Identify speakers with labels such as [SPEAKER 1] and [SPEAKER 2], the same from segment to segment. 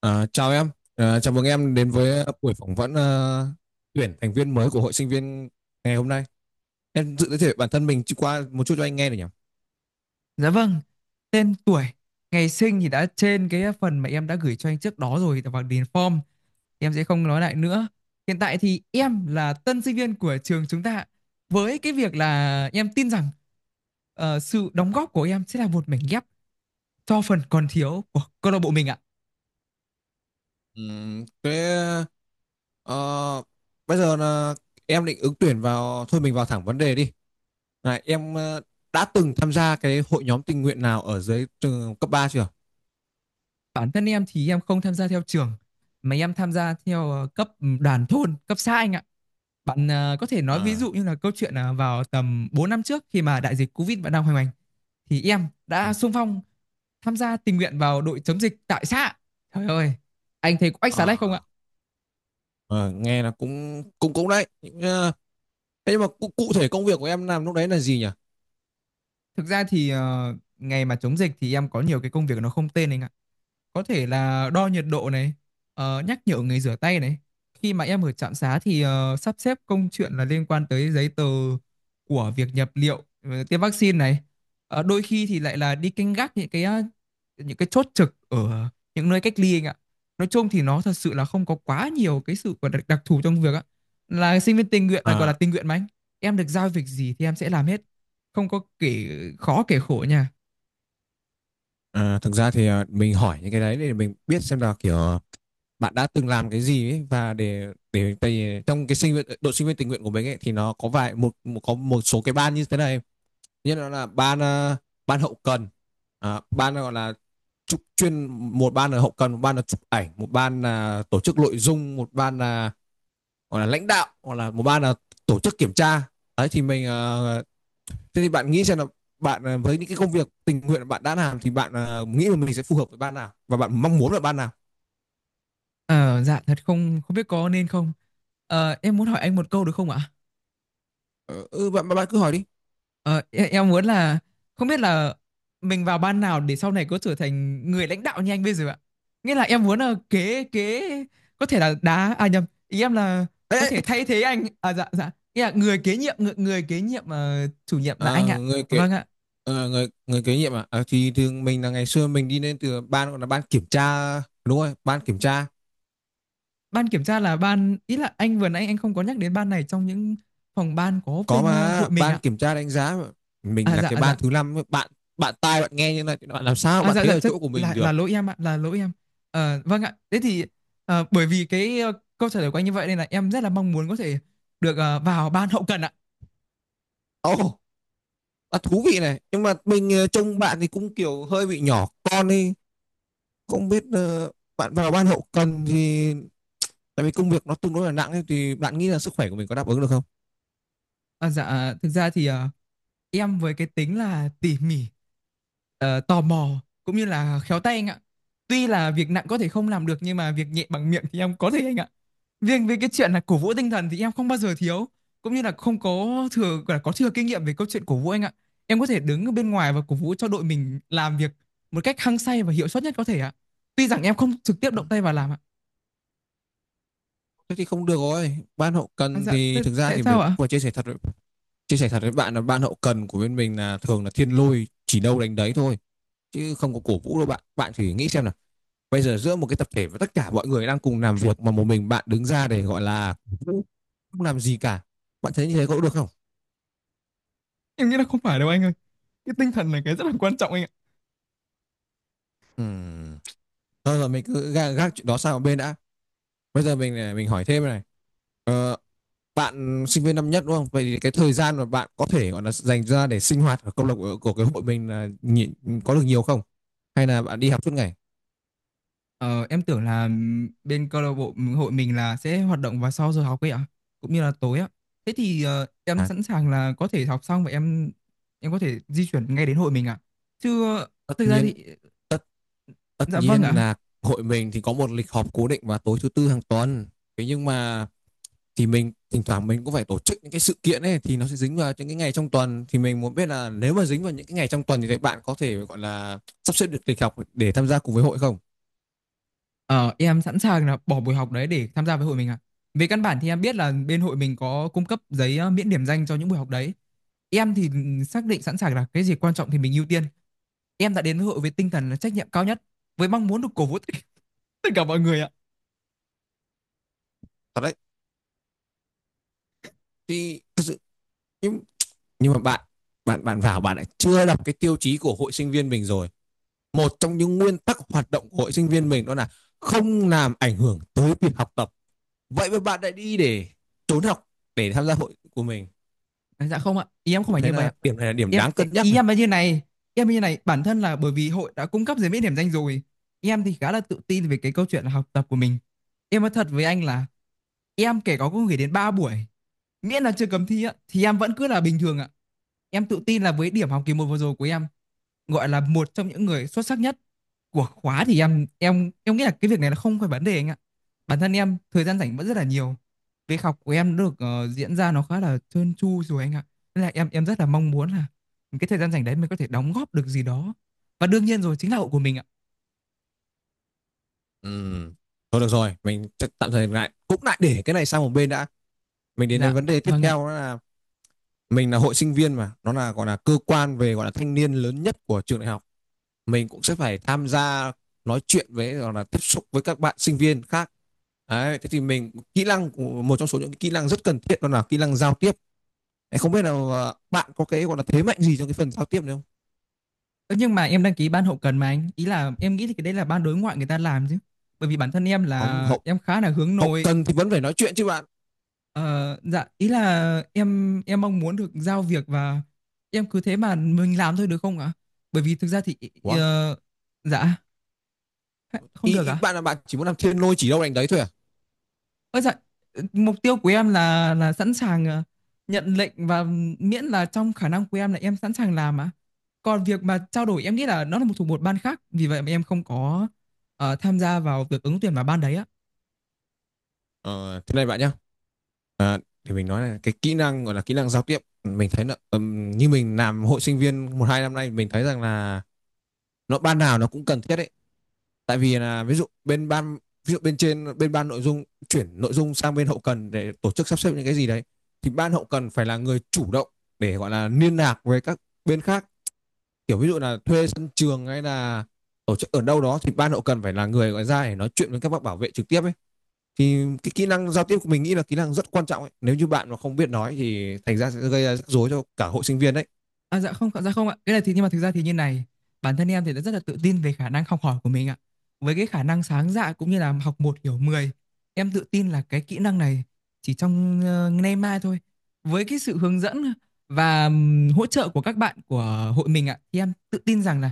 [SPEAKER 1] À, chào em, chào mừng em đến với buổi phỏng vấn, tuyển thành viên mới của hội sinh viên ngày hôm nay. Em tự giới thiệu bản thân mình qua một chút cho anh nghe được nhỉ?
[SPEAKER 2] Dạ vâng, tên tuổi, ngày sinh thì đã trên cái phần mà em đã gửi cho anh trước đó rồi và điền form. Em sẽ không nói lại nữa. Hiện tại thì em là tân sinh viên của trường chúng ta. Với cái việc là em tin rằng sự đóng góp của em sẽ là một mảnh ghép cho phần còn thiếu của câu lạc bộ mình ạ.
[SPEAKER 1] Thế ờ, bây giờ là em định ứng tuyển vào, thôi mình vào thẳng vấn đề đi. Này, em đã từng tham gia cái hội nhóm tình nguyện nào ở dưới trường cấp 3 chưa?
[SPEAKER 2] Bản thân em thì em không tham gia theo trường mà em tham gia theo cấp đoàn thôn, cấp xã anh ạ. Bạn à, có thể nói ví dụ
[SPEAKER 1] À,
[SPEAKER 2] như là câu chuyện à, vào tầm 4 năm trước khi mà đại dịch Covid vẫn đang hoành hành thì em
[SPEAKER 1] ừ.
[SPEAKER 2] đã xung phong tham gia tình nguyện vào đội chống dịch tại xã. Trời ơi, anh thấy có ách xá lách không ạ?
[SPEAKER 1] à, ờ, Nghe là cũng cũng cũng đấy. Thế nhưng mà cụ thể công việc của em làm lúc đấy là gì nhỉ?
[SPEAKER 2] Thực ra thì ngày mà chống dịch thì em có nhiều cái công việc nó không tên anh ạ. Có thể là đo nhiệt độ này, nhắc nhở người rửa tay này, khi mà em ở trạm xá thì sắp xếp công chuyện là liên quan tới giấy tờ của việc nhập liệu, tiêm vaccine này. Đôi khi thì lại là đi canh gác những cái chốt trực ở những nơi cách ly anh ạ. Nói chung thì nó thật sự là không có quá nhiều cái sự gọi là đặc thù trong việc á, là sinh viên tình nguyện là gọi là
[SPEAKER 1] À,
[SPEAKER 2] tình nguyện mà anh. Em được giao việc gì thì em sẽ làm hết, không có kể khó kể khổ nha.
[SPEAKER 1] À, thực ra thì mình hỏi những cái đấy để mình biết xem là kiểu bạn đã từng làm cái gì ấy và để tại vì trong cái sinh viên đội sinh viên tình nguyện của mình ấy thì nó có vài một có một số cái ban như thế này, như nó là ban hậu cần, ban gọi là chụp chuyên, một ban là hậu cần, một ban là chụp ảnh, một ban là tổ chức nội dung, một ban là gọi là lãnh đạo, hoặc là một ban là tổ chức kiểm tra đấy, thì mình thế thì bạn nghĩ xem là bạn với những cái công việc tình nguyện bạn đã làm thì bạn nghĩ là mình sẽ phù hợp với ban nào và bạn mong muốn là ban nào?
[SPEAKER 2] Ờ, dạ thật, không không biết có nên không. Em muốn hỏi anh một câu được không ạ?
[SPEAKER 1] Ờ, ừ, bạn cứ hỏi đi.
[SPEAKER 2] Em muốn là không biết là mình vào ban nào để sau này có trở thành người lãnh đạo như anh bây giờ ạ. Nghĩa là em muốn là kế kế có thể là đá à nhầm, ý em là
[SPEAKER 1] Ê,
[SPEAKER 2] có thể thay thế anh. À, dạ dạ. Nghĩa là người kế nhiệm người kế nhiệm chủ nhiệm là
[SPEAKER 1] à,
[SPEAKER 2] anh ạ.
[SPEAKER 1] người kế
[SPEAKER 2] Vâng ạ.
[SPEAKER 1] người người kế nhiệm à? À thì thường mình là ngày xưa mình đi lên từ ban gọi là ban kiểm tra, đúng rồi, ban kiểm tra.
[SPEAKER 2] Ban kiểm tra là ban, ý là anh vừa nãy anh không có nhắc đến ban này trong những phòng ban có
[SPEAKER 1] Có
[SPEAKER 2] bên
[SPEAKER 1] mà,
[SPEAKER 2] hội mình
[SPEAKER 1] ban
[SPEAKER 2] ạ.
[SPEAKER 1] kiểm tra đánh giá mà. Mình
[SPEAKER 2] À,
[SPEAKER 1] là
[SPEAKER 2] dạ
[SPEAKER 1] cái
[SPEAKER 2] dạ.
[SPEAKER 1] ban thứ năm, bạn. Bạn tai bạn nghe như này thì bạn làm sao
[SPEAKER 2] À,
[SPEAKER 1] bạn
[SPEAKER 2] dạ
[SPEAKER 1] thấy
[SPEAKER 2] dạ,
[SPEAKER 1] ở
[SPEAKER 2] chất
[SPEAKER 1] chỗ của mình
[SPEAKER 2] là
[SPEAKER 1] được.
[SPEAKER 2] lỗi em ạ, là lỗi em. Vâng ạ. Thế thì bởi vì cái câu trả lời của anh như vậy nên là em rất là mong muốn có thể được vào ban hậu cần ạ.
[SPEAKER 1] Ồ. oh, Thú vị này, nhưng mà mình trông bạn thì cũng kiểu hơi bị nhỏ con đi. Cũng biết bạn vào ban hậu cần thì tại vì công việc nó tương đối là nặng ấy, thì bạn nghĩ là sức khỏe của mình có đáp ứng được không?
[SPEAKER 2] À, dạ thực ra thì em với cái tính là tỉ mỉ, tò mò cũng như là khéo tay anh ạ. Tuy là việc nặng có thể không làm được nhưng mà việc nhẹ bằng miệng thì em có thể anh ạ. Riêng về cái chuyện là cổ vũ tinh thần thì em không bao giờ thiếu, cũng như là không có thừa là có thừa kinh nghiệm về câu chuyện cổ vũ anh ạ. Em có thể đứng ở bên ngoài và cổ vũ cho đội mình làm việc một cách hăng say và hiệu suất nhất có thể ạ, tuy rằng em không trực tiếp động tay vào làm ạ.
[SPEAKER 1] Thế thì không được rồi. Ban hậu
[SPEAKER 2] À,
[SPEAKER 1] cần
[SPEAKER 2] dạ
[SPEAKER 1] thì thực ra
[SPEAKER 2] tại
[SPEAKER 1] thì
[SPEAKER 2] sao
[SPEAKER 1] mình
[SPEAKER 2] ạ?
[SPEAKER 1] vừa chia sẻ thật với bạn là ban hậu cần của bên mình là thường là thiên lôi chỉ đâu đánh đấy thôi, chứ không có cổ vũ đâu bạn. Bạn thử nghĩ xem nào. Bây giờ giữa một cái tập thể và tất cả mọi người đang cùng làm việc mà một mình bạn đứng ra để gọi là cổ vũ, không làm gì cả. Bạn thấy như thế có được không?
[SPEAKER 2] Em nghĩ là không phải đâu anh ơi, cái tinh thần là cái rất là quan trọng anh ạ.
[SPEAKER 1] Ừm. Thôi rồi mình cứ gác chuyện đó sang một bên đã. Bây giờ mình hỏi thêm này, bạn sinh viên năm nhất đúng không? Vậy thì cái thời gian mà bạn có thể gọi là dành ra để sinh hoạt ở câu lạc bộ của cái hội mình là nhị- có được nhiều không? Hay là bạn đi học suốt ngày?
[SPEAKER 2] Ờ, em tưởng là bên câu lạc bộ hội mình là sẽ hoạt động vào sau giờ học ấy ạ, cũng như là tối ạ. Thế thì em
[SPEAKER 1] À,
[SPEAKER 2] sẵn sàng là có thể học xong và em có thể di chuyển ngay đến hội mình ạ. Chứ
[SPEAKER 1] tất
[SPEAKER 2] thực ra
[SPEAKER 1] nhiên
[SPEAKER 2] thì.
[SPEAKER 1] tất tất
[SPEAKER 2] Dạ vâng
[SPEAKER 1] nhiên
[SPEAKER 2] ạ.
[SPEAKER 1] là hội mình thì có một lịch họp cố định vào tối thứ tư hàng tuần. Thế nhưng mà thì mình thỉnh thoảng mình cũng phải tổ chức những cái sự kiện ấy thì nó sẽ dính vào những cái ngày trong tuần, thì mình muốn biết là nếu mà dính vào những cái ngày trong tuần thì các bạn có thể gọi là sắp xếp được lịch học để tham gia cùng với hội không?
[SPEAKER 2] Ờ, em sẵn sàng là bỏ buổi học đấy để tham gia với hội mình ạ. Về căn bản thì em biết là bên hội mình có cung cấp giấy miễn điểm danh cho những buổi học đấy. Em thì xác định sẵn sàng là cái gì quan trọng thì mình ưu tiên. Em đã đến với hội với tinh thần là trách nhiệm cao nhất, với mong muốn được cổ vũ tất cả mọi người ạ.
[SPEAKER 1] Thật đấy. Thì thật sự, nhưng nhưng mà bạn bạn bạn vào bạn lại chưa đọc cái tiêu chí của hội sinh viên mình rồi. Một trong những nguyên tắc hoạt động của hội sinh viên mình đó là không làm ảnh hưởng tới việc học tập, vậy mà bạn lại đi để trốn học để tham gia hội của mình.
[SPEAKER 2] À, dạ không ạ, ý em không
[SPEAKER 1] Tôi
[SPEAKER 2] phải
[SPEAKER 1] thấy
[SPEAKER 2] như vậy ạ.
[SPEAKER 1] là điểm này là điểm
[SPEAKER 2] Em,
[SPEAKER 1] đáng cân nhắc
[SPEAKER 2] ý
[SPEAKER 1] này.
[SPEAKER 2] em là như này, em như này bản thân là bởi vì hội đã cung cấp giấy miễn điểm danh rồi. Em thì khá là tự tin về cái câu chuyện là học tập của mình. Em nói thật với anh là em kể có cũng gửi đến 3 buổi, miễn là chưa cấm thi á thì em vẫn cứ là bình thường ạ. Em tự tin là với điểm học kỳ một vừa rồi của em gọi là một trong những người xuất sắc nhất của khóa thì em nghĩ là cái việc này là không phải vấn đề anh ạ. Bản thân em thời gian rảnh vẫn rất là nhiều. Việc học của em được diễn ra nó khá là trơn tru rồi anh ạ, nên là em rất là mong muốn là cái thời gian rảnh đấy mình có thể đóng góp được gì đó, và đương nhiên rồi chính là hậu của mình ạ.
[SPEAKER 1] Ừ. Thôi được rồi, mình chắc tạm thời lại cũng lại để cái này sang một bên đã. Mình đến
[SPEAKER 2] Dạ
[SPEAKER 1] đến vấn đề tiếp
[SPEAKER 2] vâng ạ.
[SPEAKER 1] theo đó là mình là hội sinh viên mà nó là gọi là cơ quan về gọi là thanh niên lớn nhất của trường đại học, mình cũng sẽ phải tham gia nói chuyện với hoặc là tiếp xúc với các bạn sinh viên khác. Đấy, thế thì mình kỹ năng, một trong số những kỹ năng rất cần thiết đó là kỹ năng giao tiếp. Không biết là bạn có cái gọi là thế mạnh gì trong cái phần giao tiếp này không?
[SPEAKER 2] Ơ, nhưng mà em đăng ký ban hậu cần mà anh, ý là em nghĩ thì cái đấy là ban đối ngoại người ta làm chứ, bởi vì bản thân em
[SPEAKER 1] Không,
[SPEAKER 2] là
[SPEAKER 1] hậu
[SPEAKER 2] em khá là hướng
[SPEAKER 1] hậu
[SPEAKER 2] nội.
[SPEAKER 1] cần thì vẫn phải nói chuyện chứ bạn.
[SPEAKER 2] Ờ, dạ ý là em mong muốn được giao việc và em cứ thế mà mình làm thôi được không ạ? Bởi vì thực ra thì
[SPEAKER 1] Ủa,
[SPEAKER 2] ờ, dạ không
[SPEAKER 1] ý,
[SPEAKER 2] được
[SPEAKER 1] ý
[SPEAKER 2] ạ.
[SPEAKER 1] bạn là bạn chỉ muốn làm thiên lôi chỉ đâu đánh đấy thôi à?
[SPEAKER 2] Ơ dạ, mục tiêu của em là sẵn sàng nhận lệnh và miễn là trong khả năng của em là em sẵn sàng làm ạ. Còn việc mà trao đổi em nghĩ là nó là một thuộc một ban khác, vì vậy mà em không có tham gia vào việc ứng tuyển vào ban đấy ạ.
[SPEAKER 1] Ờ, Thế này bạn nhá. À, thì mình nói là cái kỹ năng gọi là kỹ năng giao tiếp mình thấy là như mình làm hội sinh viên một hai năm nay mình thấy rằng là nó ban nào nó cũng cần thiết đấy, tại vì là ví dụ bên trên bên ban nội dung chuyển nội dung sang bên hậu cần để tổ chức sắp xếp những cái gì đấy, thì ban hậu cần phải là người chủ động để gọi là liên lạc với các bên khác, kiểu ví dụ là thuê sân trường hay là tổ chức ở đâu đó thì ban hậu cần phải là người gọi ra để nói chuyện với các bác bảo vệ trực tiếp ấy. Thì cái kỹ năng giao tiếp của mình nghĩ là kỹ năng rất quan trọng ấy. Nếu như bạn mà không biết nói thì thành ra sẽ gây ra rắc rối cho cả hội sinh viên đấy.
[SPEAKER 2] À, dạ không ạ. Cái này thì nhưng mà thực ra thì như này, bản thân em thì đã rất là tự tin về khả năng học hỏi của mình ạ. Với cái khả năng sáng dạ cũng như là học một hiểu mười, em tự tin là cái kỹ năng này chỉ trong nay mai thôi. Với cái sự hướng dẫn và hỗ trợ của các bạn của hội mình ạ, thì em tự tin rằng là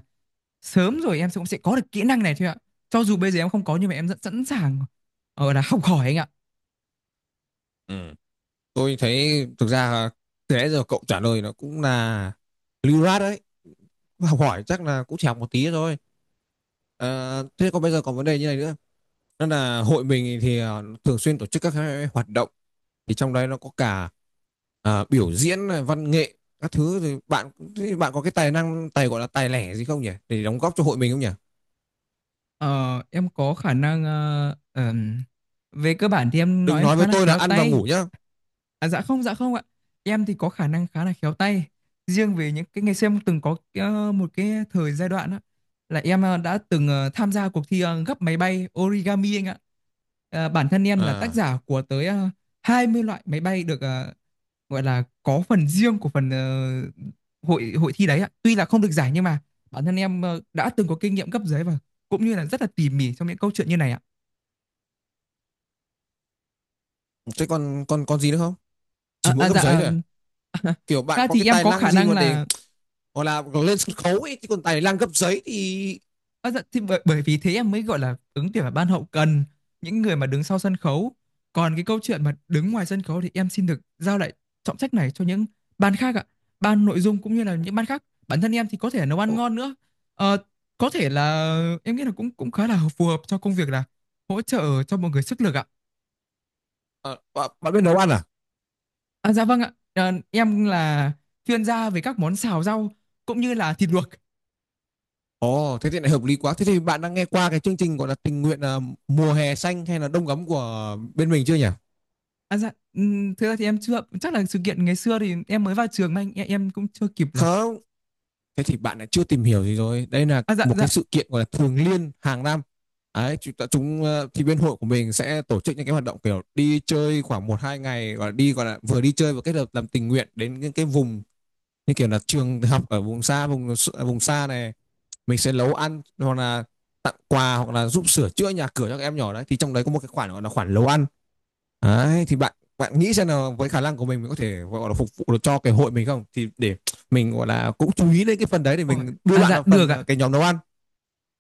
[SPEAKER 2] sớm rồi em sẽ cũng sẽ có được kỹ năng này thôi ạ. Cho dù bây giờ em không có nhưng mà em rất sẵn sàng ở là học hỏi anh ạ.
[SPEAKER 1] Ừ. Tôi thấy thực ra từ nãy giờ cậu trả lời nó cũng là lưu loát đấy, học hỏi chắc là cũng chỉ học một tí thôi. Thế còn bây giờ còn vấn đề như này nữa, đó là hội mình thì thường xuyên tổ chức các cái hoạt động, thì trong đấy nó có cả biểu diễn này, văn nghệ các thứ, thì bạn có cái tài năng tài gọi là tài lẻ gì không nhỉ, để đóng góp cho hội mình không nhỉ?
[SPEAKER 2] Ờ, em có khả năng về cơ bản thì em nói
[SPEAKER 1] Đừng
[SPEAKER 2] em
[SPEAKER 1] nói
[SPEAKER 2] khá
[SPEAKER 1] với
[SPEAKER 2] là
[SPEAKER 1] tôi là
[SPEAKER 2] khéo
[SPEAKER 1] ăn và
[SPEAKER 2] tay.
[SPEAKER 1] ngủ nhá.
[SPEAKER 2] À, dạ không ạ. Em thì có khả năng khá là khéo tay. Riêng về những cái ngày xưa em từng có một cái thời giai đoạn á là em đã từng tham gia cuộc thi gấp máy bay origami anh ạ. Bản thân em là tác
[SPEAKER 1] À
[SPEAKER 2] giả của tới 20 loại máy bay được gọi là có phần riêng của phần hội hội thi đấy ạ. Tuy là không được giải nhưng mà bản thân em đã từng có kinh nghiệm cấp dưới và cũng như là rất là tỉ mỉ trong những câu chuyện như này ạ.
[SPEAKER 1] thế còn còn còn gì nữa không? Chỉ
[SPEAKER 2] À,
[SPEAKER 1] mỗi
[SPEAKER 2] à,
[SPEAKER 1] gấp
[SPEAKER 2] dạ
[SPEAKER 1] giấy thôi à? Kiểu bạn
[SPEAKER 2] à,
[SPEAKER 1] có
[SPEAKER 2] thì
[SPEAKER 1] cái
[SPEAKER 2] em
[SPEAKER 1] tài
[SPEAKER 2] có
[SPEAKER 1] năng
[SPEAKER 2] khả
[SPEAKER 1] gì
[SPEAKER 2] năng
[SPEAKER 1] mà để
[SPEAKER 2] là.
[SPEAKER 1] gọi là lên sân khấu ấy chứ còn tài năng gấp giấy thì.
[SPEAKER 2] À, dạ, thì bởi vì thế em mới gọi là ứng tuyển vào ban hậu cần, những người mà đứng sau sân khấu. Còn cái câu chuyện mà đứng ngoài sân khấu thì em xin được giao lại trọng trách này cho những ban khác ạ, ban nội dung cũng như là những ban khác. Bản thân em thì có thể là nấu ăn ngon nữa. Ờ, có thể là em nghĩ là cũng cũng khá là phù hợp cho công việc là hỗ trợ cho mọi người sức lực ạ.
[SPEAKER 1] À, bạn biết nấu ăn à?
[SPEAKER 2] À, dạ vâng ạ. Ờ, em là chuyên gia về các món xào rau cũng như là thịt luộc.
[SPEAKER 1] Ồ, thế thì lại hợp lý quá. Thế thì bạn đang nghe qua cái chương trình gọi là tình nguyện, mùa hè xanh hay là đông ấm của bên mình chưa nhỉ?
[SPEAKER 2] À, dạ, thực ra thì em chưa chắc là sự kiện ngày xưa thì em mới vào trường mà anh, em cũng chưa kịp là.
[SPEAKER 1] Không. Thế thì bạn lại chưa tìm hiểu gì rồi. Đây là
[SPEAKER 2] À dạ
[SPEAKER 1] một
[SPEAKER 2] dạ.
[SPEAKER 1] cái sự kiện gọi là thường niên hàng năm. Đấy, chúng, ta- chúng ờ, thì bên hội của mình sẽ tổ chức những cái hoạt động kiểu đi chơi khoảng một hai ngày, gọi là đi, gọi là vừa đi chơi vừa kết hợp làm tình nguyện đến những cái vùng như kiểu là trường học ở vùng xa, vùng xa này, mình sẽ nấu ăn hoặc là tặng quà hoặc là giúp sửa chữa nhà cửa cho các em nhỏ đấy, thì trong đấy có một cái khoản gọi là khoản nấu ăn. Đấy, thì bạn bạn nghĩ xem là với khả năng của mình có thể gọi là phục vụ được cho cái hội mình không, thì để mình gọi là cũng chú ý đến cái phần đấy để
[SPEAKER 2] Ôi,
[SPEAKER 1] mình đưa
[SPEAKER 2] à
[SPEAKER 1] bạn
[SPEAKER 2] dạ
[SPEAKER 1] vào
[SPEAKER 2] được
[SPEAKER 1] phần
[SPEAKER 2] ạ.
[SPEAKER 1] cái nhóm nấu ăn.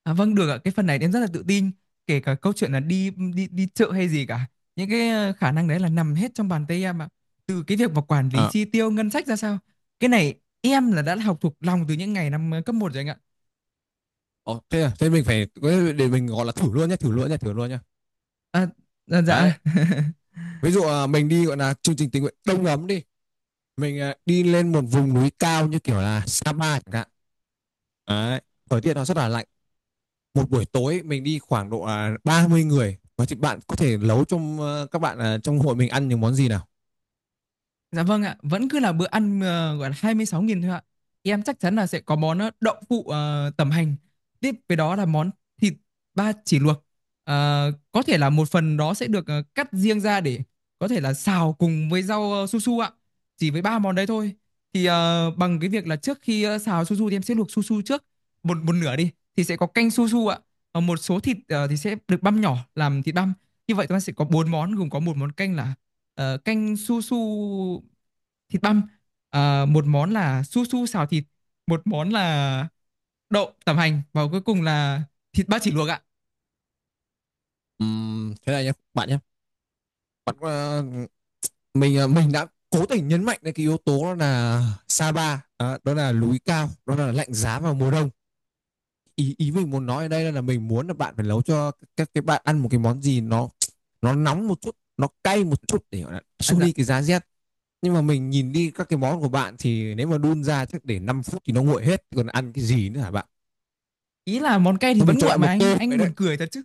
[SPEAKER 2] À vâng được ạ. Cái phần này em rất là tự tin, kể cả câu chuyện là đi đi đi chợ hay gì cả. Những cái khả năng đấy là nằm hết trong bàn tay em ạ. Từ cái việc mà quản lý
[SPEAKER 1] À,
[SPEAKER 2] chi tiêu ngân sách ra sao. Cái này em là đã học thuộc lòng từ những ngày năm cấp một rồi anh ạ.
[SPEAKER 1] ồ, thế à, thế mình phải để mình gọi là thử luôn nhé, thử luôn nhé, thử luôn nhé.
[SPEAKER 2] À, dạ. Dạ.
[SPEAKER 1] Đấy, ví dụ mình đi gọi là chương trình tình nguyện đông ấm đi, mình đi lên một vùng núi cao như kiểu là Sapa chẳng hạn, đấy, thời tiết nó rất là lạnh, một buổi tối mình đi khoảng độ 30 người, và thì bạn có thể nấu trong các bạn trong hội mình ăn những món gì nào?
[SPEAKER 2] Dạ vâng ạ, vẫn cứ là bữa ăn gọi là 26.000 thôi ạ. Em chắc chắn là sẽ có món đậu phụ tẩm hành. Tiếp với đó là món thịt ba chỉ luộc. Có thể là một phần đó sẽ được cắt riêng ra để có thể là xào cùng với rau su su ạ. Chỉ với ba món đấy thôi. Thì bằng cái việc là trước khi xào su su thì em sẽ luộc su su trước một một nửa đi thì sẽ có canh su su ạ. Một số thịt thì sẽ được băm nhỏ làm thịt băm. Như vậy chúng ta sẽ có bốn món gồm có một món canh là canh su su thịt băm. Một món là su su xào thịt, một món là đậu tẩm hành và cuối cùng là thịt ba chỉ luộc ạ.
[SPEAKER 1] Thế này nhé bạn nhé. Bạn ờ, mình đã cố tình nhấn mạnh đến cái yếu tố đó là Sapa, à, đó là núi cao, đó là lạnh giá vào mùa đông. Ý ý mình muốn nói ở đây là mình muốn là bạn phải nấu cho các cái bạn ăn một cái món gì nó nóng một chút, nó cay một chút để gọi là
[SPEAKER 2] À,
[SPEAKER 1] xua
[SPEAKER 2] dạ.
[SPEAKER 1] đi cái giá rét. Nhưng mà mình nhìn đi các cái món của bạn thì nếu mà đun ra chắc để 5 phút thì nó nguội hết, còn ăn cái gì nữa hả bạn?
[SPEAKER 2] Ý là món cay thì
[SPEAKER 1] Thôi mình
[SPEAKER 2] vẫn
[SPEAKER 1] cho
[SPEAKER 2] nguội
[SPEAKER 1] bạn
[SPEAKER 2] mà
[SPEAKER 1] một
[SPEAKER 2] anh
[SPEAKER 1] cơ
[SPEAKER 2] anh
[SPEAKER 1] vậy đấy.
[SPEAKER 2] buồn cười thật chứ.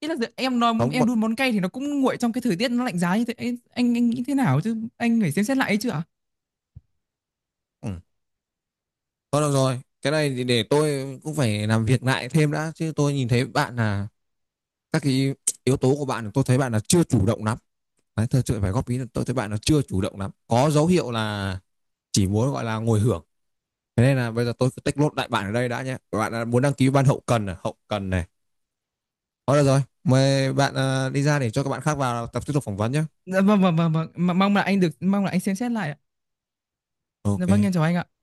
[SPEAKER 2] Ý là giờ em nói
[SPEAKER 1] Không,
[SPEAKER 2] em
[SPEAKER 1] một-
[SPEAKER 2] đun món cay thì nó cũng nguội trong cái thời tiết nó lạnh giá như thế anh nghĩ thế nào chứ anh phải xem xét lại ấy chứ ạ.
[SPEAKER 1] Ừ. Thôi được rồi, cái này thì để tôi cũng phải làm việc lại thêm đã, chứ tôi nhìn thấy bạn là các cái yếu tố của bạn tôi thấy bạn là chưa chủ động lắm. Đấy, tôi phải góp ý là tôi thấy bạn là chưa chủ động lắm, có dấu hiệu là chỉ muốn gọi là ngồi hưởng. Thế nên là bây giờ tôi cứ tích lốt đại bạn ở đây đã nhé. Các bạn muốn đăng ký ban hậu cần à? Hậu cần này. Thôi được rồi, mời bạn đi ra để cho các bạn khác vào tập tiếp tục phỏng vấn nhé.
[SPEAKER 2] Dạ, vâng vâng vâng vâng. Mong là anh xem xét lại ạ. Dạ, vâng em
[SPEAKER 1] OK.
[SPEAKER 2] chào anh ạ.